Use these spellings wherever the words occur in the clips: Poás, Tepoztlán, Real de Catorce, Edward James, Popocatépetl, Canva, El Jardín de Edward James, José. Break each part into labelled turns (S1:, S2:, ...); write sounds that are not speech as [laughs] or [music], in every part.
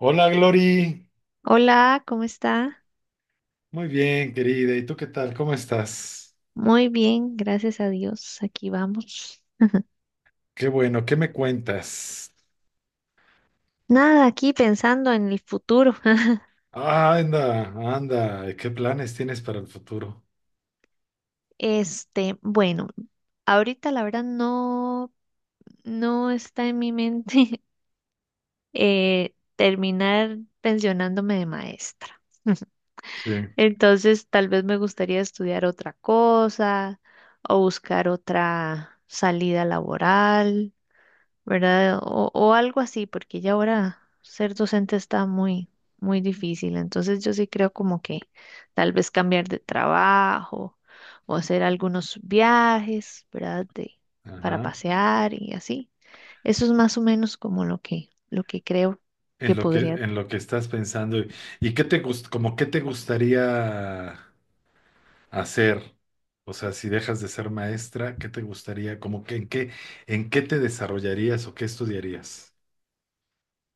S1: Hola, Glory.
S2: Hola, ¿cómo está?
S1: Muy bien, querida. ¿Y tú qué tal? ¿Cómo estás?
S2: Muy bien, gracias a Dios. Aquí vamos.
S1: Qué bueno, ¿qué me cuentas?
S2: Nada, aquí pensando en el futuro. [laughs]
S1: Ah, anda, anda. ¿Qué planes tienes para el futuro?
S2: Bueno, ahorita la verdad no está en mi mente. [laughs] Terminar pensionándome de maestra. [laughs]
S1: Sí.
S2: Entonces, tal vez me gustaría estudiar otra cosa o buscar otra salida laboral. ¿Verdad? O algo así, porque ya ahora ser docente está muy difícil. Entonces yo sí creo como que tal vez cambiar de trabajo o hacer algunos viajes, ¿verdad? De, para
S1: Ajá.
S2: pasear y así. Eso es más o menos como lo que creo que
S1: En lo que,
S2: podría.
S1: en lo que estás pensando. ¿Como qué te gustaría hacer? O sea, si dejas de ser maestra, ¿qué te gustaría? ¿Como que en qué te desarrollarías o qué estudiarías?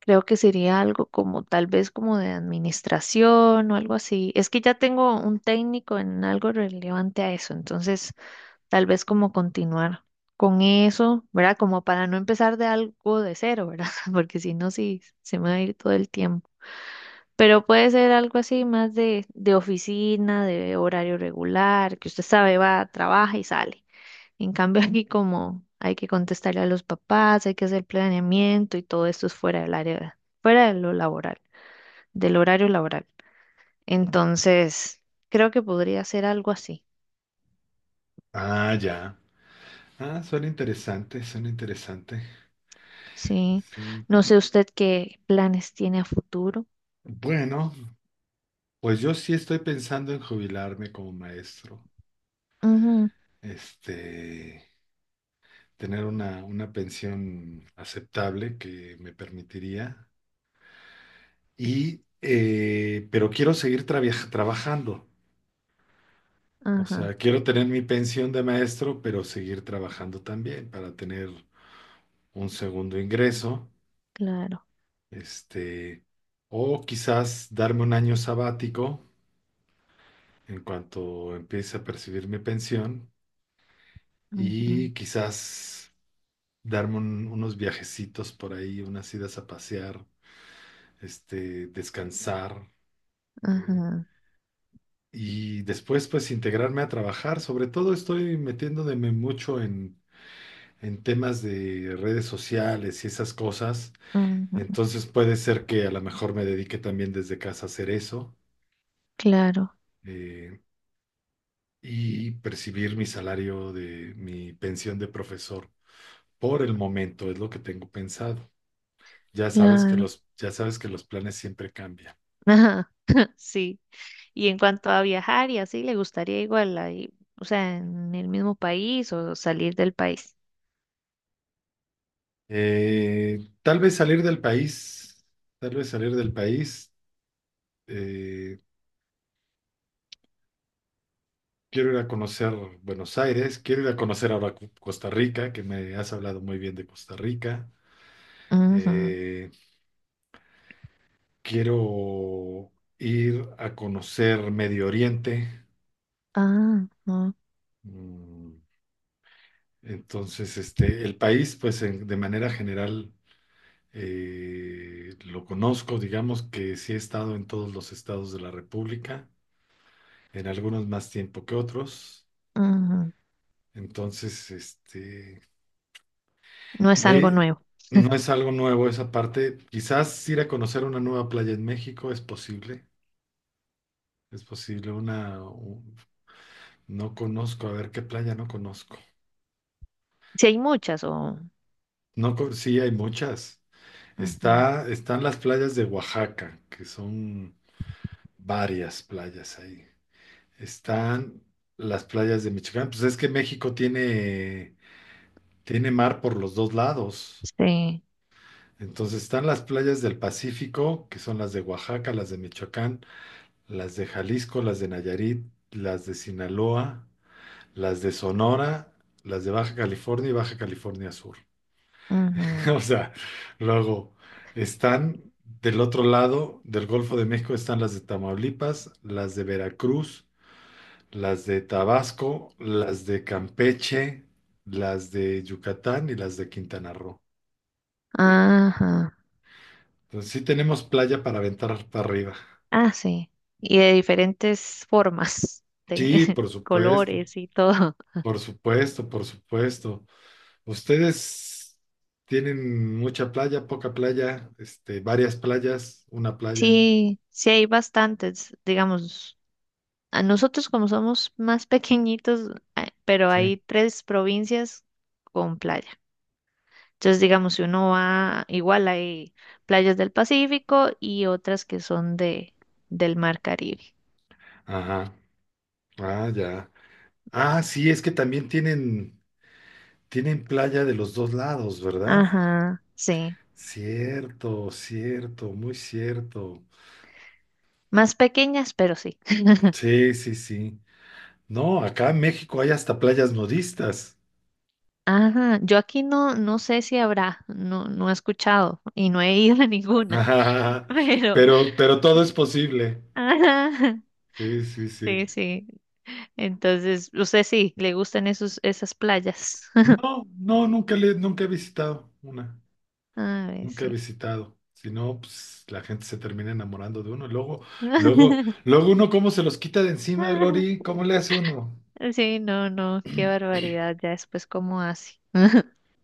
S2: Creo que sería algo como tal vez como de administración o algo así. Es que ya tengo un técnico en algo relevante a eso, entonces tal vez como continuar con eso, ¿verdad? Como para no empezar de algo de cero, ¿verdad? [laughs] Porque si no, sí, se me va a ir todo el tiempo. Pero puede ser algo así más de oficina, de horario regular, que usted sabe, va, trabaja y sale. En cambio, [laughs] aquí como hay que contestarle a los papás, hay que hacer planeamiento y todo esto es fuera del área, fuera de lo laboral, del horario laboral. Entonces, creo que podría ser algo así.
S1: Ah, ya. Ah, suena interesante, suena interesante.
S2: Sí,
S1: Sí.
S2: no sé usted qué planes tiene a futuro.
S1: Bueno. Pues yo sí estoy pensando en jubilarme como maestro,
S2: Ujú,
S1: este, tener una pensión aceptable que me permitiría, pero quiero seguir trabajando, o
S2: ajá,
S1: sea, quiero tener mi pensión de maestro, pero seguir trabajando también para tener un segundo ingreso,
S2: claro.
S1: este, o quizás darme un año sabático en cuanto empiece a percibir mi pensión
S2: Ujú,
S1: y quizás darme unos viajecitos por ahí, unas idas a pasear, descansar, eh,
S2: ajá,
S1: y después pues integrarme a trabajar. Sobre todo estoy metiéndome mucho en temas de redes sociales y esas cosas.
S2: ujú,
S1: Entonces puede ser que a lo mejor me dedique también desde casa a hacer eso,
S2: claro,
S1: eh, y percibir mi salario de mi pensión de profesor. Por el momento es lo que tengo pensado. Ya sabes que
S2: claro.
S1: los, ya sabes que los planes siempre cambian.
S2: Ajá, [laughs] sí. Y en cuanto a viajar y así, ¿le gustaría igual ahí, o sea, en el mismo país o salir del país?
S1: Tal vez salir del país, tal vez salir del país. Eh, Quiero ir a conocer Buenos Aires, quiero ir a conocer ahora Costa Rica, que me has hablado muy bien de Costa Rica.
S2: Ujú,
S1: Eh, Quiero ir a conocer Medio Oriente.
S2: ah, no,
S1: Mm, Entonces, el país, pues de manera general, lo conozco, digamos que sí he estado en todos los estados de la República en algunos más tiempo que otros.
S2: ujú,
S1: Entonces,
S2: no es algo
S1: eh,
S2: nuevo.
S1: no es algo nuevo esa parte. Quizás ir a conocer una nueva playa en México es posible. Es posible no conozco, a ver qué playa no conozco.
S2: Si hay muchas o...
S1: No, sí, hay muchas.
S2: ujú,
S1: Están las playas de Oaxaca, que son varias playas ahí. Están las playas de Michoacán. Pues es que México tiene mar por los dos lados.
S2: sí.
S1: Entonces están las playas del Pacífico, que son las de Oaxaca, las de Michoacán, las de Jalisco, las de Nayarit, las de Sinaloa, las de Sonora, las de Baja California y Baja California Sur.
S2: Ujú,
S1: [laughs] O sea, luego están del otro lado del Golfo de México, están las de Tamaulipas, las de Veracruz, las de Tabasco, las de Campeche, las de Yucatán y las de Quintana Roo.
S2: ajá.
S1: Entonces sí tenemos playa para aventar para arriba.
S2: Ah, sí. Y de diferentes formas, de
S1: Sí,
S2: [laughs]
S1: por supuesto,
S2: colores y todo.
S1: por supuesto, por supuesto. Ustedes tienen mucha playa, poca playa, varias playas, una playa,
S2: Sí, sí hay bastantes, digamos, a nosotros como somos más pequeñitos, ah, pero
S1: sí.
S2: hay tres provincias con playa. Entonces, digamos, si uno va, igual hay playas del Pacífico y otras que son del Mar Caribe.
S1: Ajá. Ah, ya. Ah, sí, es que también tienen playa de los dos lados, ¿verdad?
S2: Ajá, sí.
S1: Cierto, cierto, muy cierto.
S2: Más pequeñas, pero sí. [laughs]
S1: Sí, sí, sí. No, acá en México hay hasta playas nudistas.
S2: Ajá, yo aquí no sé si habrá, no he escuchado y no he ido a ninguna, [laughs]
S1: [laughs]
S2: pero,
S1: Pero todo es posible.
S2: ajá,
S1: Sí, sí, sí.
S2: sí. Entonces, usted sí, le gustan esas playas. [laughs]
S1: No, no, nunca he visitado una,
S2: A ver,
S1: nunca he
S2: sí.
S1: visitado. Si no, pues la gente se termina enamorando de uno. Luego,
S2: [laughs]
S1: luego, uno cómo se los quita de encima, Glory, ¿cómo le hace uno?
S2: Sí, no, qué barbaridad, ya después cómo hace.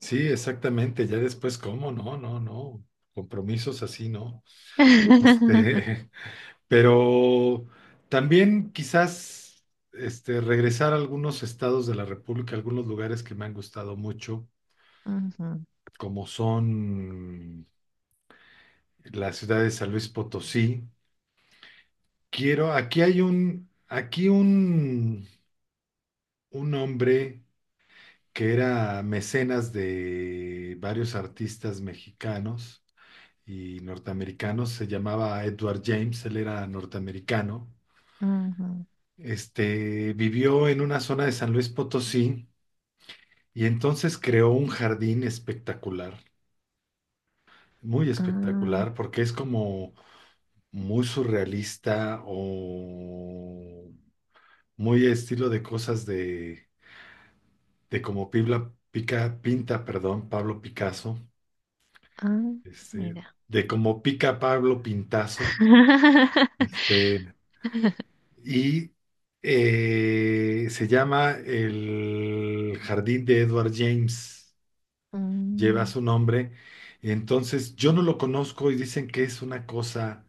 S1: Sí, exactamente, ya después cómo, no, no, no. Compromisos así, ¿no?
S2: [laughs]
S1: Este, [laughs] pero también quizás regresar a algunos estados de la República, algunos lugares que me han gustado mucho,
S2: Ujú,
S1: como son la ciudad de San Luis Potosí. Quiero, aquí hay un hombre que era mecenas de varios artistas mexicanos y norteamericanos, se llamaba Edward James, él era norteamericano.
S2: ujú.
S1: Vivió en una zona de San Luis Potosí y entonces creó un jardín espectacular, muy
S2: Ah,
S1: espectacular, porque es como muy surrealista o muy estilo de cosas de cómo, perdón, Pablo Picasso,
S2: ah,
S1: este,
S2: mira.
S1: de cómo pica Pablo Pintazo,
S2: [laughs]
S1: este, y se llama El Jardín de Edward James, lleva
S2: Mm,
S1: su nombre, entonces yo no lo conozco y dicen que es una cosa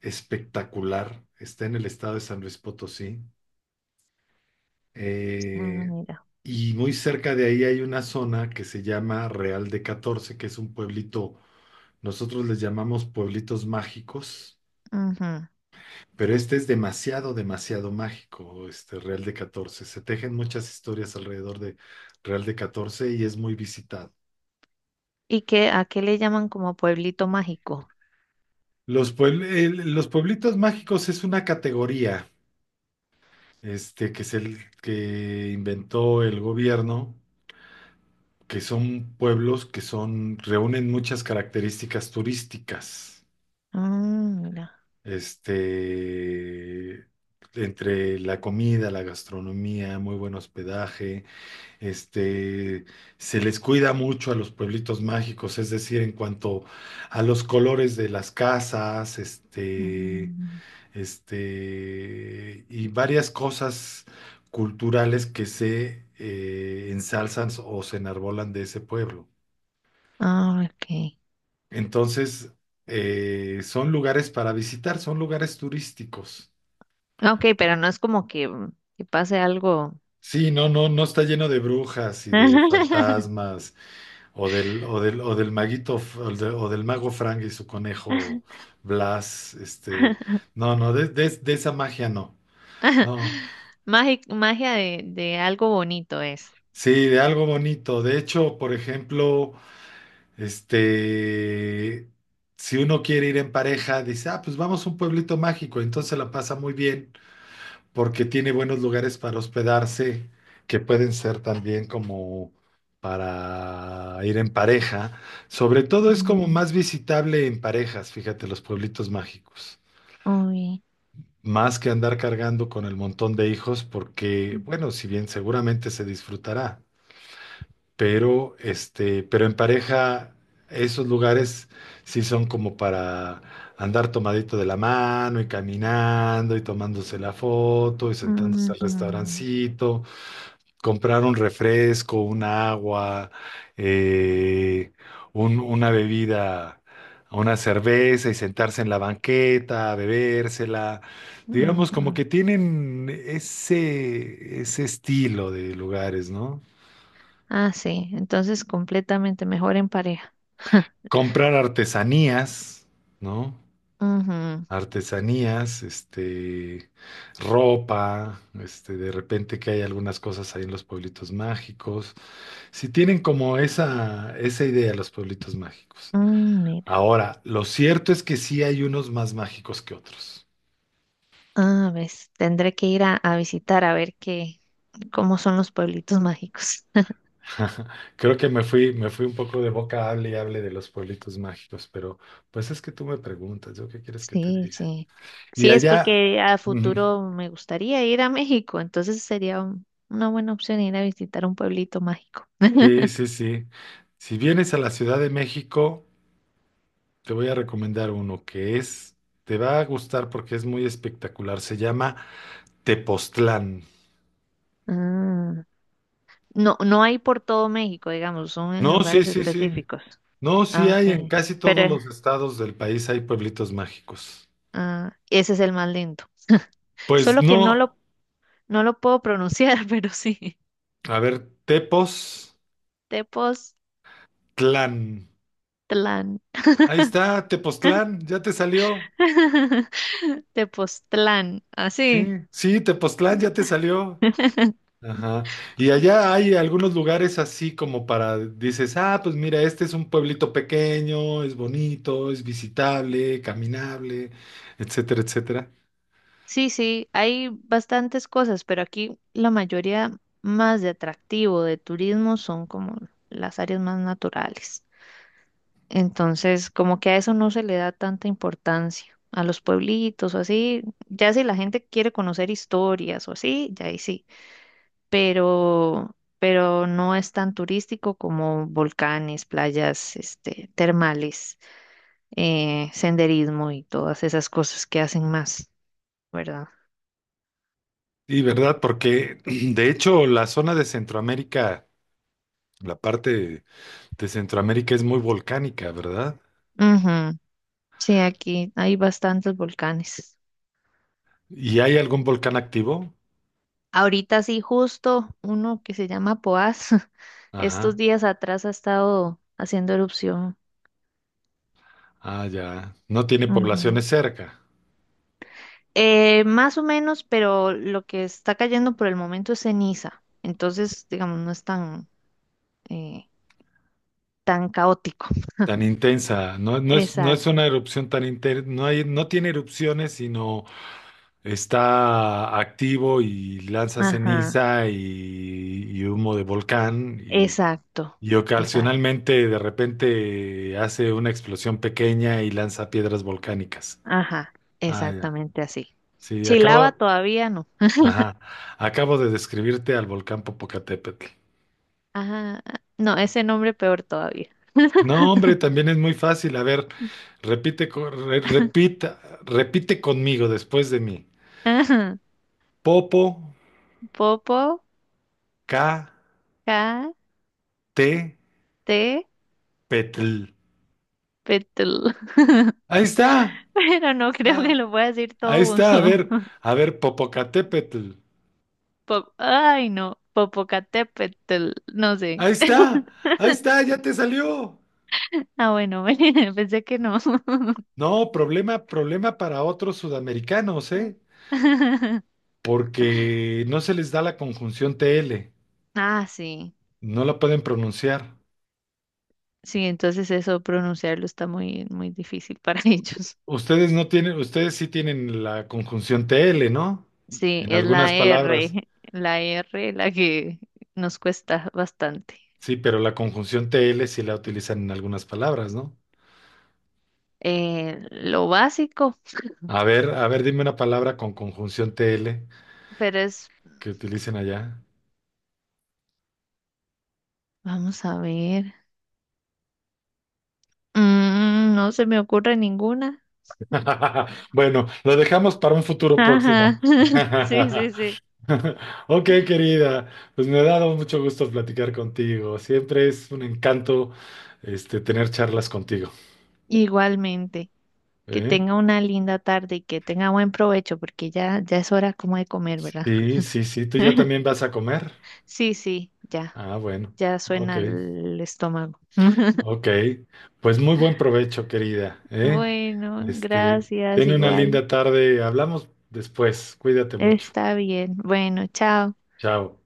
S1: espectacular, está en el estado de San Luis Potosí.
S2: ah,
S1: Eh,
S2: mira.
S1: y muy cerca de ahí hay una zona que se llama Real de Catorce, que es un pueblito, nosotros les llamamos pueblitos mágicos,
S2: Ujú.
S1: pero este es demasiado, demasiado mágico, este Real de Catorce. Se tejen muchas historias alrededor de Real de Catorce y es muy visitado.
S2: ¿Y qué, a qué le llaman como pueblito mágico?
S1: Los pueblitos mágicos es una categoría que inventó el gobierno, que son pueblos reúnen muchas características turísticas,
S2: Ah, mira.
S1: este, entre la comida, la gastronomía, muy buen hospedaje, este, se les cuida mucho a los pueblitos mágicos, es decir, en cuanto a los colores de las casas,
S2: Mm,
S1: y varias cosas culturales que se ensalzan o se enarbolan de ese pueblo.
S2: ah, ok.
S1: Entonces, son lugares para visitar, son lugares turísticos.
S2: Ah, ok, pero no es como que, mm, que pase algo.
S1: Sí, no, no, no está lleno de brujas y de
S2: [laughs]
S1: fantasmas o del mago Frank y su conejo Blas, no, no, de esa magia no, no,
S2: Magi- magia de algo bonito es.
S1: sí, de algo bonito. De hecho, por ejemplo, este, si uno quiere ir en pareja, dice, ah, pues vamos a un pueblito mágico, entonces la pasa muy bien porque tiene buenos lugares para hospedarse, que pueden ser también como para ir en pareja. Sobre todo es como
S2: Mm,
S1: más visitable en parejas, fíjate, los pueblitos mágicos.
S2: uy.
S1: Más que andar cargando con el montón de hijos, porque, bueno, si bien seguramente se disfrutará, pero pero en pareja, esos lugares sí son como para andar tomadito de la mano y caminando y tomándose la foto y sentándose al
S2: Ujú,
S1: restaurancito, comprar un refresco, un agua, eh, una bebida, una cerveza y sentarse en la banqueta, a bebérsela. Digamos, como
S2: ujú.
S1: que tienen ese estilo de lugares, ¿no?
S2: Ah, sí. Entonces completamente mejor en pareja. [laughs]
S1: Comprar artesanías, ¿no?
S2: Ujú.
S1: Artesanías, ropa, de repente que hay algunas cosas ahí en los pueblitos mágicos. Si tienen como esa idea los pueblitos mágicos.
S2: Mm, mira.
S1: Ahora, lo cierto es que sí hay unos más mágicos que otros.
S2: Ah, ves. Tendré que ir a visitar a ver qué, cómo son los pueblitos mágicos. [laughs]
S1: [laughs] Creo que me fui un poco de boca, hable y hable de los pueblitos mágicos, pero pues es que tú me preguntas, ¿yo qué quieres que te
S2: Sí,
S1: diga?
S2: sí.
S1: Y
S2: Sí, es
S1: allá,
S2: porque a
S1: ujú,
S2: futuro me gustaría ir a México, entonces sería un- una buena opción ir a visitar un pueblito mágico.
S1: sí, sí, sí. Si vienes a la Ciudad de México, te voy a recomendar uno te va a gustar porque es muy espectacular. Se llama Tepoztlán.
S2: Ah, no, no hay por todo México, digamos, son en
S1: No, sí,
S2: lugares
S1: sí, sí.
S2: específicos.
S1: No, sí
S2: Ah,
S1: hay en
S2: ok.
S1: casi
S2: Pero
S1: todos los estados del país hay pueblitos mágicos.
S2: ah, ese es el más lindo.
S1: Pues
S2: Solo que
S1: no,
S2: no lo puedo pronunciar, [laughs] pero sí.
S1: a ver, Tepoztlán.
S2: Tepoztlán.
S1: Ahí está, Tepoztlán, ya te salió.
S2: [laughs] Tepoztlán,
S1: Sí,
S2: así.
S1: sí, Tepoztlán ya te salió.
S2: [laughs]
S1: Ajá. Y allá hay algunos lugares así como para, dices, ah, pues mira, este es un pueblito pequeño, es bonito, es visitable, caminable, etcétera, etcétera.
S2: Sí, sí, hay bastantes cosas, pero aquí la mayoría más de atractivo de turismo son como las áreas más naturales. Entonces, como que a eso no se le da tanta importancia, a los pueblitos o así, ya si la gente quiere conocer historias o así, ya ahí sí, pero no es tan turístico como volcanes, playas, este, termales, senderismo y todas esas cosas que hacen más, ¿verdad?
S1: Y verdad, porque [clears throat] de hecho la zona de Centroamérica, la parte de Centroamérica es muy volcánica, ¿verdad?
S2: Ujú. Sí, aquí hay bastantes volcanes.
S1: ¿Y hay algún volcán activo?
S2: Ahorita sí, justo uno que se llama Poás, [laughs] estos
S1: Ajá.
S2: días atrás ha estado haciendo erupción.
S1: Ah, ya. No tiene
S2: Ujú.
S1: poblaciones cerca.
S2: Más o menos, pero lo que está cayendo por el momento es ceniza. Entonces, digamos, no es eh, tan caótico.
S1: Tan intensa. No, no es
S2: Exacto.
S1: una erupción tan intensa. No hay, no tiene erupciones, sino está activo y lanza
S2: Ajá.
S1: ceniza y humo de volcán. Y,
S2: Exacto.
S1: y
S2: Exacto.
S1: ocasionalmente de repente hace una explosión pequeña y lanza piedras volcánicas.
S2: Ajá.
S1: Ah, ya.
S2: Exactamente así.
S1: Sí, acaba.
S2: Chilaba todavía no.
S1: Ajá. Acabo de describirte al volcán Popocatépetl.
S2: Ajá. No, ese nombre peor todavía.
S1: No, hombre, también es muy fácil. A ver, repite, repita, repite conmigo después de mí.
S2: [laughs]
S1: Popo,
S2: Popo,
S1: K,
S2: K,
S1: T,
S2: T,
S1: Petl.
S2: Petul. [laughs]
S1: Ahí está.
S2: Pero no creo que
S1: Ah,
S2: lo pueda decir
S1: ahí
S2: todo
S1: está.
S2: junto. [laughs]
S1: A ver, Popocatépetl.
S2: Pop- Ay, no. Popocatépetl, no sé.
S1: Ahí está.
S2: [laughs]
S1: Ahí está. Ya te salió.
S2: Ah, bueno, [laughs] pensé que no. [laughs]
S1: No, problema, problema para otros sudamericanos, ¿eh?
S2: [laughs]
S1: Porque no se les da la conjunción TL.
S2: Ah, sí.
S1: No la pueden pronunciar.
S2: Sí, entonces eso pronunciarlo está muy difícil para [laughs] ellos.
S1: Ustedes no tienen, ustedes sí tienen la conjunción TL, ¿no?
S2: Sí,
S1: En
S2: es
S1: algunas
S2: la
S1: palabras.
S2: R, la R la que nos cuesta bastante.
S1: Sí, pero la conjunción TL sí la utilizan en algunas palabras, ¿no?
S2: Lo básico,
S1: A ver, dime una palabra con conjunción TL
S2: pero es,
S1: que utilicen allá.
S2: vamos a ver. Mm, no se me ocurre ninguna.
S1: [laughs] Bueno, lo dejamos para un futuro próximo.
S2: Ajá.
S1: [laughs]
S2: [laughs] Sí, sí, sí.
S1: Ok, querida, pues me ha dado mucho gusto platicar contigo. Siempre es un encanto, tener charlas contigo.
S2: Igualmente. Que
S1: ¿Eh?
S2: tenga una linda tarde y que tenga buen provecho, porque ya es hora como de comer, ¿verdad?
S1: Sí, sí, sí. ¿Tú ya
S2: [laughs]
S1: también vas a comer?
S2: Sí, sí, ya.
S1: Ah, bueno,
S2: Ya
S1: ok,
S2: suena el estómago. [laughs]
S1: ok. Pues muy buen provecho, querida, ¿eh?
S2: Bueno,
S1: Este,
S2: gracias,
S1: ten una
S2: igual.
S1: linda tarde. Hablamos después. Cuídate mucho.
S2: Está bien. Bueno, chao.
S1: Chao.